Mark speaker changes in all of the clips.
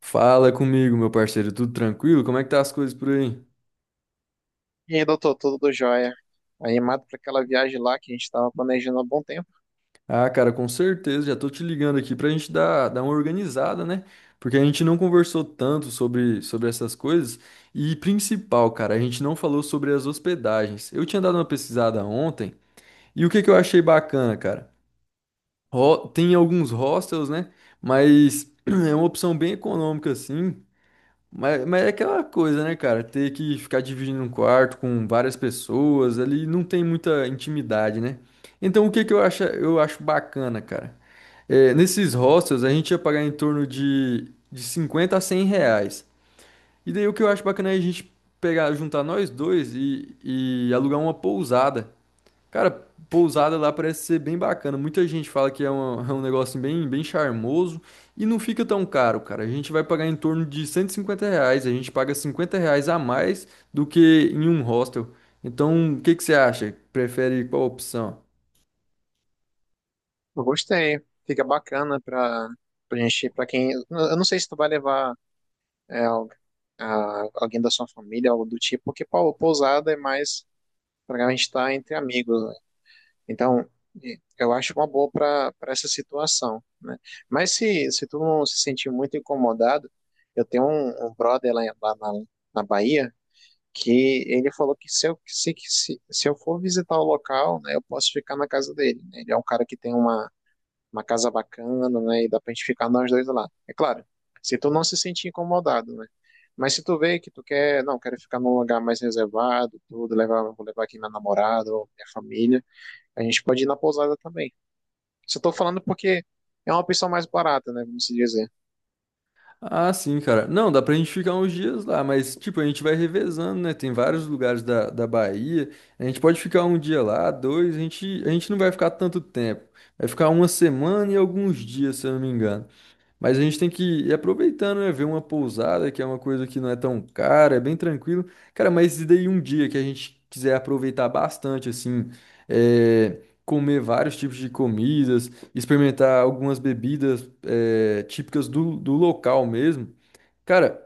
Speaker 1: Fala comigo, meu parceiro, tudo tranquilo? Como é que tá as coisas por aí?
Speaker 2: E aí, doutor, tudo jóia? Animado para aquela viagem lá que a gente estava planejando há bom tempo.
Speaker 1: Ah, cara, com certeza, já tô te ligando aqui pra gente dar uma organizada, né? Porque a gente não conversou tanto sobre essas coisas. E principal, cara, a gente não falou sobre as hospedagens. Eu tinha dado uma pesquisada ontem e o que que eu achei bacana, cara? Tem alguns hostels, né? Mas é uma opção bem econômica, assim. Mas é aquela coisa, né, cara? Ter que ficar dividindo um quarto com várias pessoas ali não tem muita intimidade, né? Então o que que eu acho bacana, cara? É, nesses hostels a gente ia pagar em torno de R$ 50 a R$ 100. E daí o que eu acho bacana é a gente pegar, juntar nós dois e alugar uma pousada. Cara, pousada lá parece ser bem bacana. Muita gente fala que é um negócio bem charmoso e não fica tão caro, cara. A gente vai pagar em torno de R$ 150. A gente paga R$ 50 a mais do que em um hostel. Então, o que que você acha? Prefere qual opção?
Speaker 2: Eu gostei, fica bacana para a gente, para quem. Eu não sei se tu vai levar é, al- alguém da sua família, algo do tipo, porque pô, pousada é mais para a gente estar entre amigos, né? Então, eu acho uma boa para essa situação, né? Mas se tu não se sentir muito incomodado, eu tenho um brother lá, na Bahia. Que ele falou que se eu for visitar o local, né, eu posso ficar na casa dele, né? Ele é um cara que tem uma casa bacana, né, e dá pra gente ficar nós dois lá. É claro, se tu não se sentir incomodado, né? Mas se tu vê que tu quer, não, quero ficar num lugar mais reservado, tudo, levar, vou levar aqui minha namorada ou minha família, a gente pode ir na pousada também. Só tô falando porque é uma opção mais barata, né, vamos se dizer.
Speaker 1: Ah, sim, cara. Não, dá pra gente ficar uns dias lá, mas, tipo, a gente vai revezando, né? Tem vários lugares da Bahia. A gente pode ficar um dia lá, dois. A gente não vai ficar tanto tempo. Vai ficar uma semana e alguns dias, se eu não me engano. Mas a gente tem que ir aproveitando, né? Ver uma pousada, que é uma coisa que não é tão cara, é bem tranquilo. Cara, mas e daí um dia que a gente quiser aproveitar bastante, assim, comer vários tipos de comidas, experimentar algumas bebidas, típicas do local mesmo. Cara,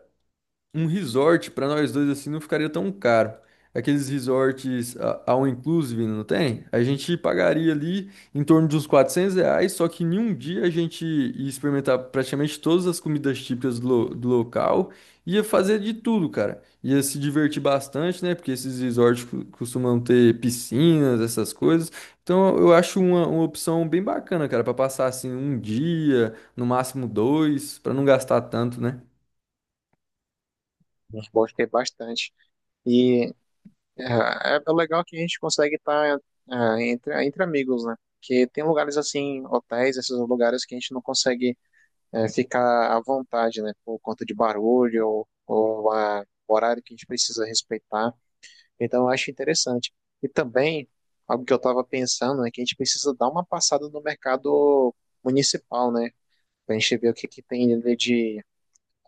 Speaker 1: um resort pra nós dois assim não ficaria tão caro. Aqueles resorts all inclusive, não tem? A gente pagaria ali em torno de uns R$ 400, só que em um dia a gente ia experimentar praticamente todas as comidas típicas do local, ia fazer de tudo, cara. Ia se divertir bastante, né? Porque esses resorts costumam ter piscinas, essas coisas. Então eu acho uma opção bem bacana, cara, pra passar assim um dia, no máximo dois, pra não gastar tanto, né?
Speaker 2: A gente pode ter bastante. E É, é legal que a gente consegue estar entre, entre amigos, né? Porque tem lugares assim, hotéis, esses lugares que a gente não consegue ficar à vontade, né? Por conta de barulho ou, o horário que a gente precisa respeitar. Então, eu acho interessante. E também, algo que eu estava pensando é que a gente precisa dar uma passada no mercado municipal, né? Pra gente ver que tem ali de,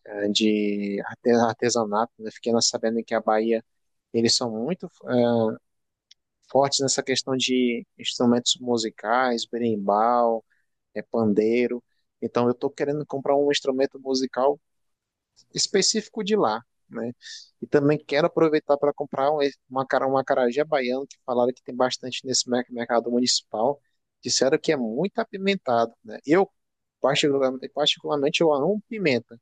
Speaker 2: de artesanato, né? Fiquei sabendo que a Bahia. Eles são muito fortes nessa questão de instrumentos musicais, berimbau, pandeiro. Então eu estou querendo comprar um instrumento musical específico de lá, né? E também quero aproveitar para comprar um acarajé baiano, que falaram que tem bastante nesse mercado municipal. Disseram que é muito apimentado, né? Eu, particularmente, eu amo pimenta.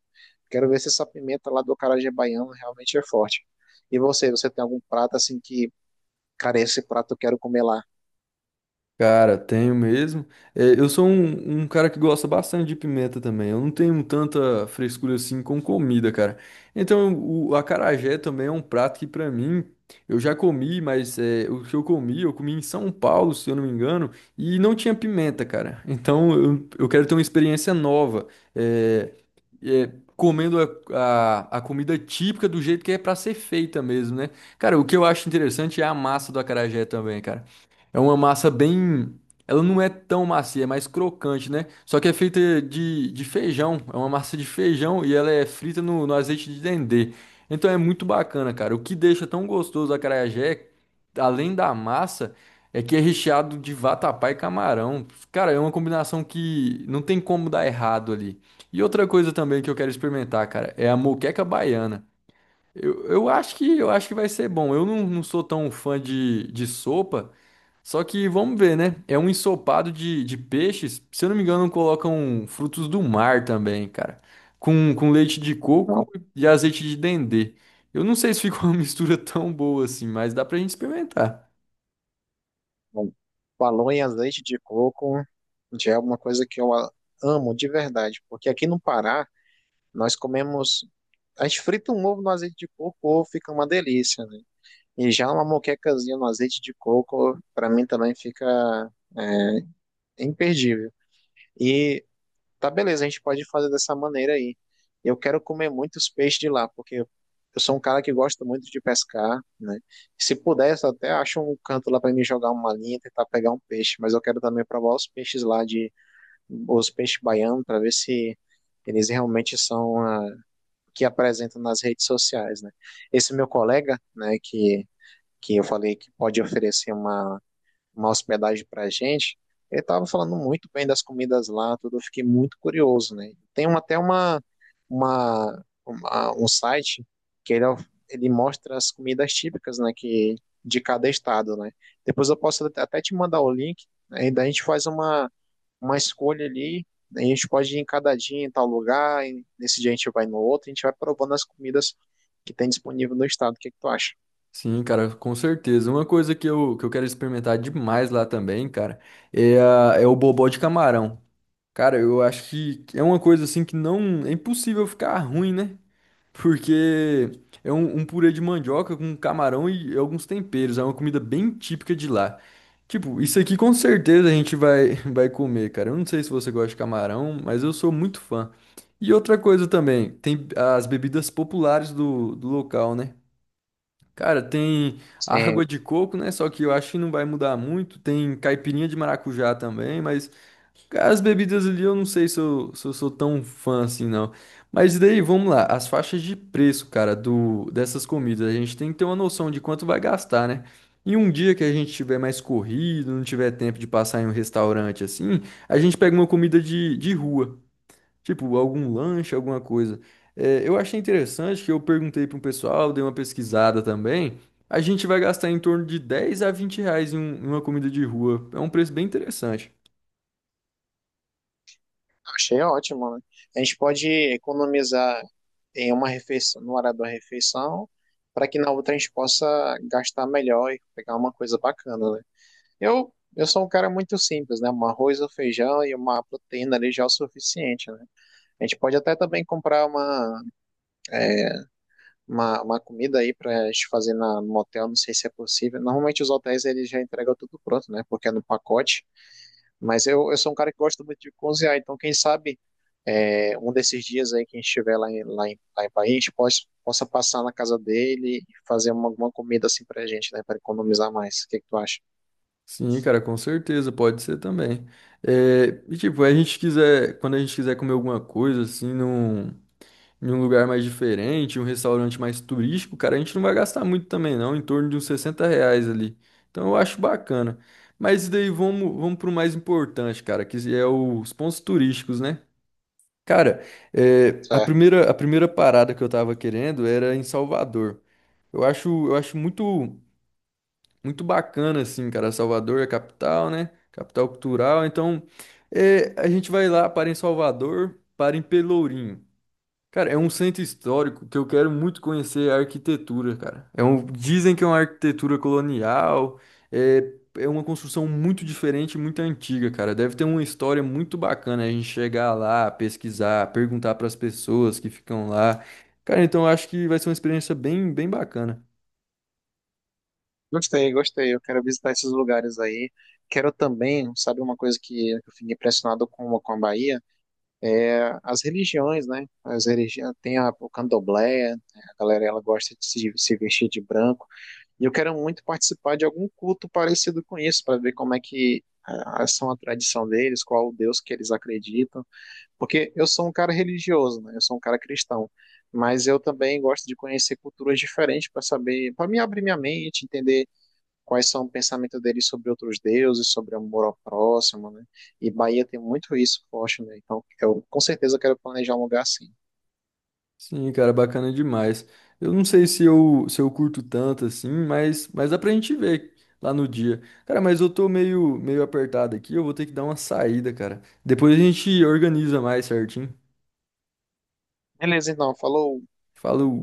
Speaker 2: Quero ver se essa pimenta lá do acarajé baiano realmente é forte. E você tem algum prato assim que, cara, esse prato eu quero comer lá?
Speaker 1: Cara, tenho mesmo. É, eu sou um cara que gosta bastante de pimenta também. Eu não tenho tanta frescura assim com comida, cara. Então, o acarajé também é um prato que, pra mim, eu já comi, mas o que eu comi em São Paulo, se eu não me engano, e não tinha pimenta, cara. Então, eu quero ter uma experiência nova. É, é, Comendo a, a comida típica do jeito que é pra ser feita mesmo, né? Cara, o que eu acho interessante é a massa do acarajé também, cara. É uma massa bem. Ela não é tão macia, é mais crocante, né? Só que é feita de feijão. É uma massa de feijão e ela é frita no azeite de dendê. Então é muito bacana, cara. O que deixa tão gostoso a acarajé, além da massa, é que é recheado de vatapá e camarão. Cara, é uma combinação que não tem como dar errado ali. E outra coisa também que eu quero experimentar, cara, é a moqueca baiana. Eu acho que vai ser bom. Eu não sou tão fã de sopa. Só que vamos ver, né? É um ensopado de peixes. Se eu não me engano, colocam frutos do mar também, cara. Com leite de coco e azeite de dendê. Eu não sei se ficou uma mistura tão boa assim, mas dá pra gente experimentar.
Speaker 2: Bom, falou em azeite de coco, já é uma coisa que amo de verdade, porque aqui no Pará nós comemos, a gente frita um ovo no azeite de coco, o ovo fica uma delícia, né? E já uma moquecazinha no azeite de coco, para mim também fica é, imperdível. E tá beleza, a gente pode fazer dessa maneira aí. Eu quero comer muitos peixes de lá, porque eu sou um cara que gosta muito de pescar, né? Se pudesse, eu até acho um canto lá para me jogar uma linha, tentar pegar um peixe, mas eu quero também provar os peixes lá de os peixes baianos para ver se eles realmente são o que apresentam nas redes sociais, né? Esse meu colega, né, que eu falei que pode oferecer uma hospedagem para a gente, ele estava falando muito bem das comidas lá, tudo, eu fiquei muito curioso, né? Tem uma- até uma- um site que ele mostra as comidas típicas, né, que, de cada estado, né? Depois eu posso até te mandar o link, aí daí a gente faz uma escolha ali, né, a gente pode ir em cada dia em tal lugar, e nesse dia a gente vai no outro, a gente vai provando as comidas que tem disponível no estado, o que é que tu acha?
Speaker 1: Sim, cara, com certeza. Uma coisa que eu quero experimentar demais lá também, cara, é o bobó de camarão. Cara, eu acho que é uma coisa assim que não é impossível ficar ruim, né? Porque é um purê de mandioca com camarão e alguns temperos. É uma comida bem típica de lá. Tipo, isso aqui com certeza a gente vai, vai comer, cara. Eu não sei se você gosta de camarão, mas eu sou muito fã. E outra coisa também, tem as bebidas populares do local, né? Cara, tem
Speaker 2: Sim.
Speaker 1: água de coco, né? Só que eu acho que não vai mudar muito. Tem caipirinha de maracujá também, mas. Cara, as bebidas ali eu não sei se eu sou tão fã assim, não. Mas daí, vamos lá, as faixas de preço, cara, do dessas comidas, a gente tem que ter uma noção de quanto vai gastar, né? Em um dia que a gente tiver mais corrido, não tiver tempo de passar em um restaurante assim, a gente pega uma comida de rua, tipo algum lanche, alguma coisa. É, eu achei interessante que eu perguntei para um pessoal, dei uma pesquisada também. A gente vai gastar em torno de R$ 10 a R$ 20 em uma comida de rua. É um preço bem interessante.
Speaker 2: Achei ótimo, né? A gente pode economizar em uma refeição, no horário da refeição, para que na outra a gente possa gastar melhor e pegar uma coisa bacana, né? Eu sou um cara muito simples, né? Um arroz, um feijão e uma proteína ali já é o suficiente, né? A gente pode até também comprar é, uma comida aí para a gente fazer no hotel, não sei se é possível. Normalmente os hotéis eles já entregam tudo pronto, né? Porque é no pacote. Mas eu sou um cara que gosta muito de cozinhar, então quem sabe um desses dias aí que a gente estiver lá em Bahia, a gente possa passar na casa dele e fazer uma comida assim pra gente, né? Pra economizar mais. O que que tu acha?
Speaker 1: Sim, cara, com certeza, pode ser também. É, e tipo, quando a gente quiser comer alguma coisa, assim, em um lugar mais diferente, um restaurante mais turístico, cara, a gente não vai gastar muito também, não, em torno de uns R$ 60 ali. Então eu acho bacana. Mas daí vamos pro mais importante, cara, que é os pontos turísticos, né? Cara, a
Speaker 2: Certo.
Speaker 1: primeira, a primeira parada que eu tava querendo era em Salvador. Eu acho muito muito bacana, assim, cara. Salvador é a capital, né? Capital cultural. Então, a gente vai lá, para em Salvador, para em Pelourinho. Cara, é um centro histórico que eu quero muito conhecer a arquitetura, cara. Dizem que é uma arquitetura colonial, é uma construção muito diferente, muito antiga, cara. Deve ter uma história muito bacana a gente chegar lá, pesquisar, perguntar para as pessoas que ficam lá. Cara, então eu acho que vai ser uma experiência bem, bem bacana.
Speaker 2: Gostei, gostei. Eu quero visitar esses lugares aí. Quero também, sabe, uma coisa que eu fiquei impressionado com a Bahia é as religiões, né? As religiões, tem o candomblé, né? A galera ela gosta de se vestir de branco. E eu quero muito participar de algum culto parecido com isso, para ver como é que são a tradição deles, qual o Deus que eles acreditam. Porque eu sou um cara religioso, né? Eu sou um cara cristão, mas eu também gosto de conhecer culturas diferentes para saber, para me abrir minha mente, entender quais são o pensamento deles sobre outros deuses, sobre amor ao próximo, né? E Bahia tem muito isso forte, né? Então, eu com certeza quero planejar um lugar assim.
Speaker 1: Sim, cara, bacana demais. Eu não sei se eu curto tanto assim, mas, dá pra gente ver lá no dia. Cara, mas eu tô meio, meio apertado aqui, eu vou ter que dar uma saída, cara. Depois a gente organiza mais certinho.
Speaker 2: Beleza, então, falou.
Speaker 1: Falou.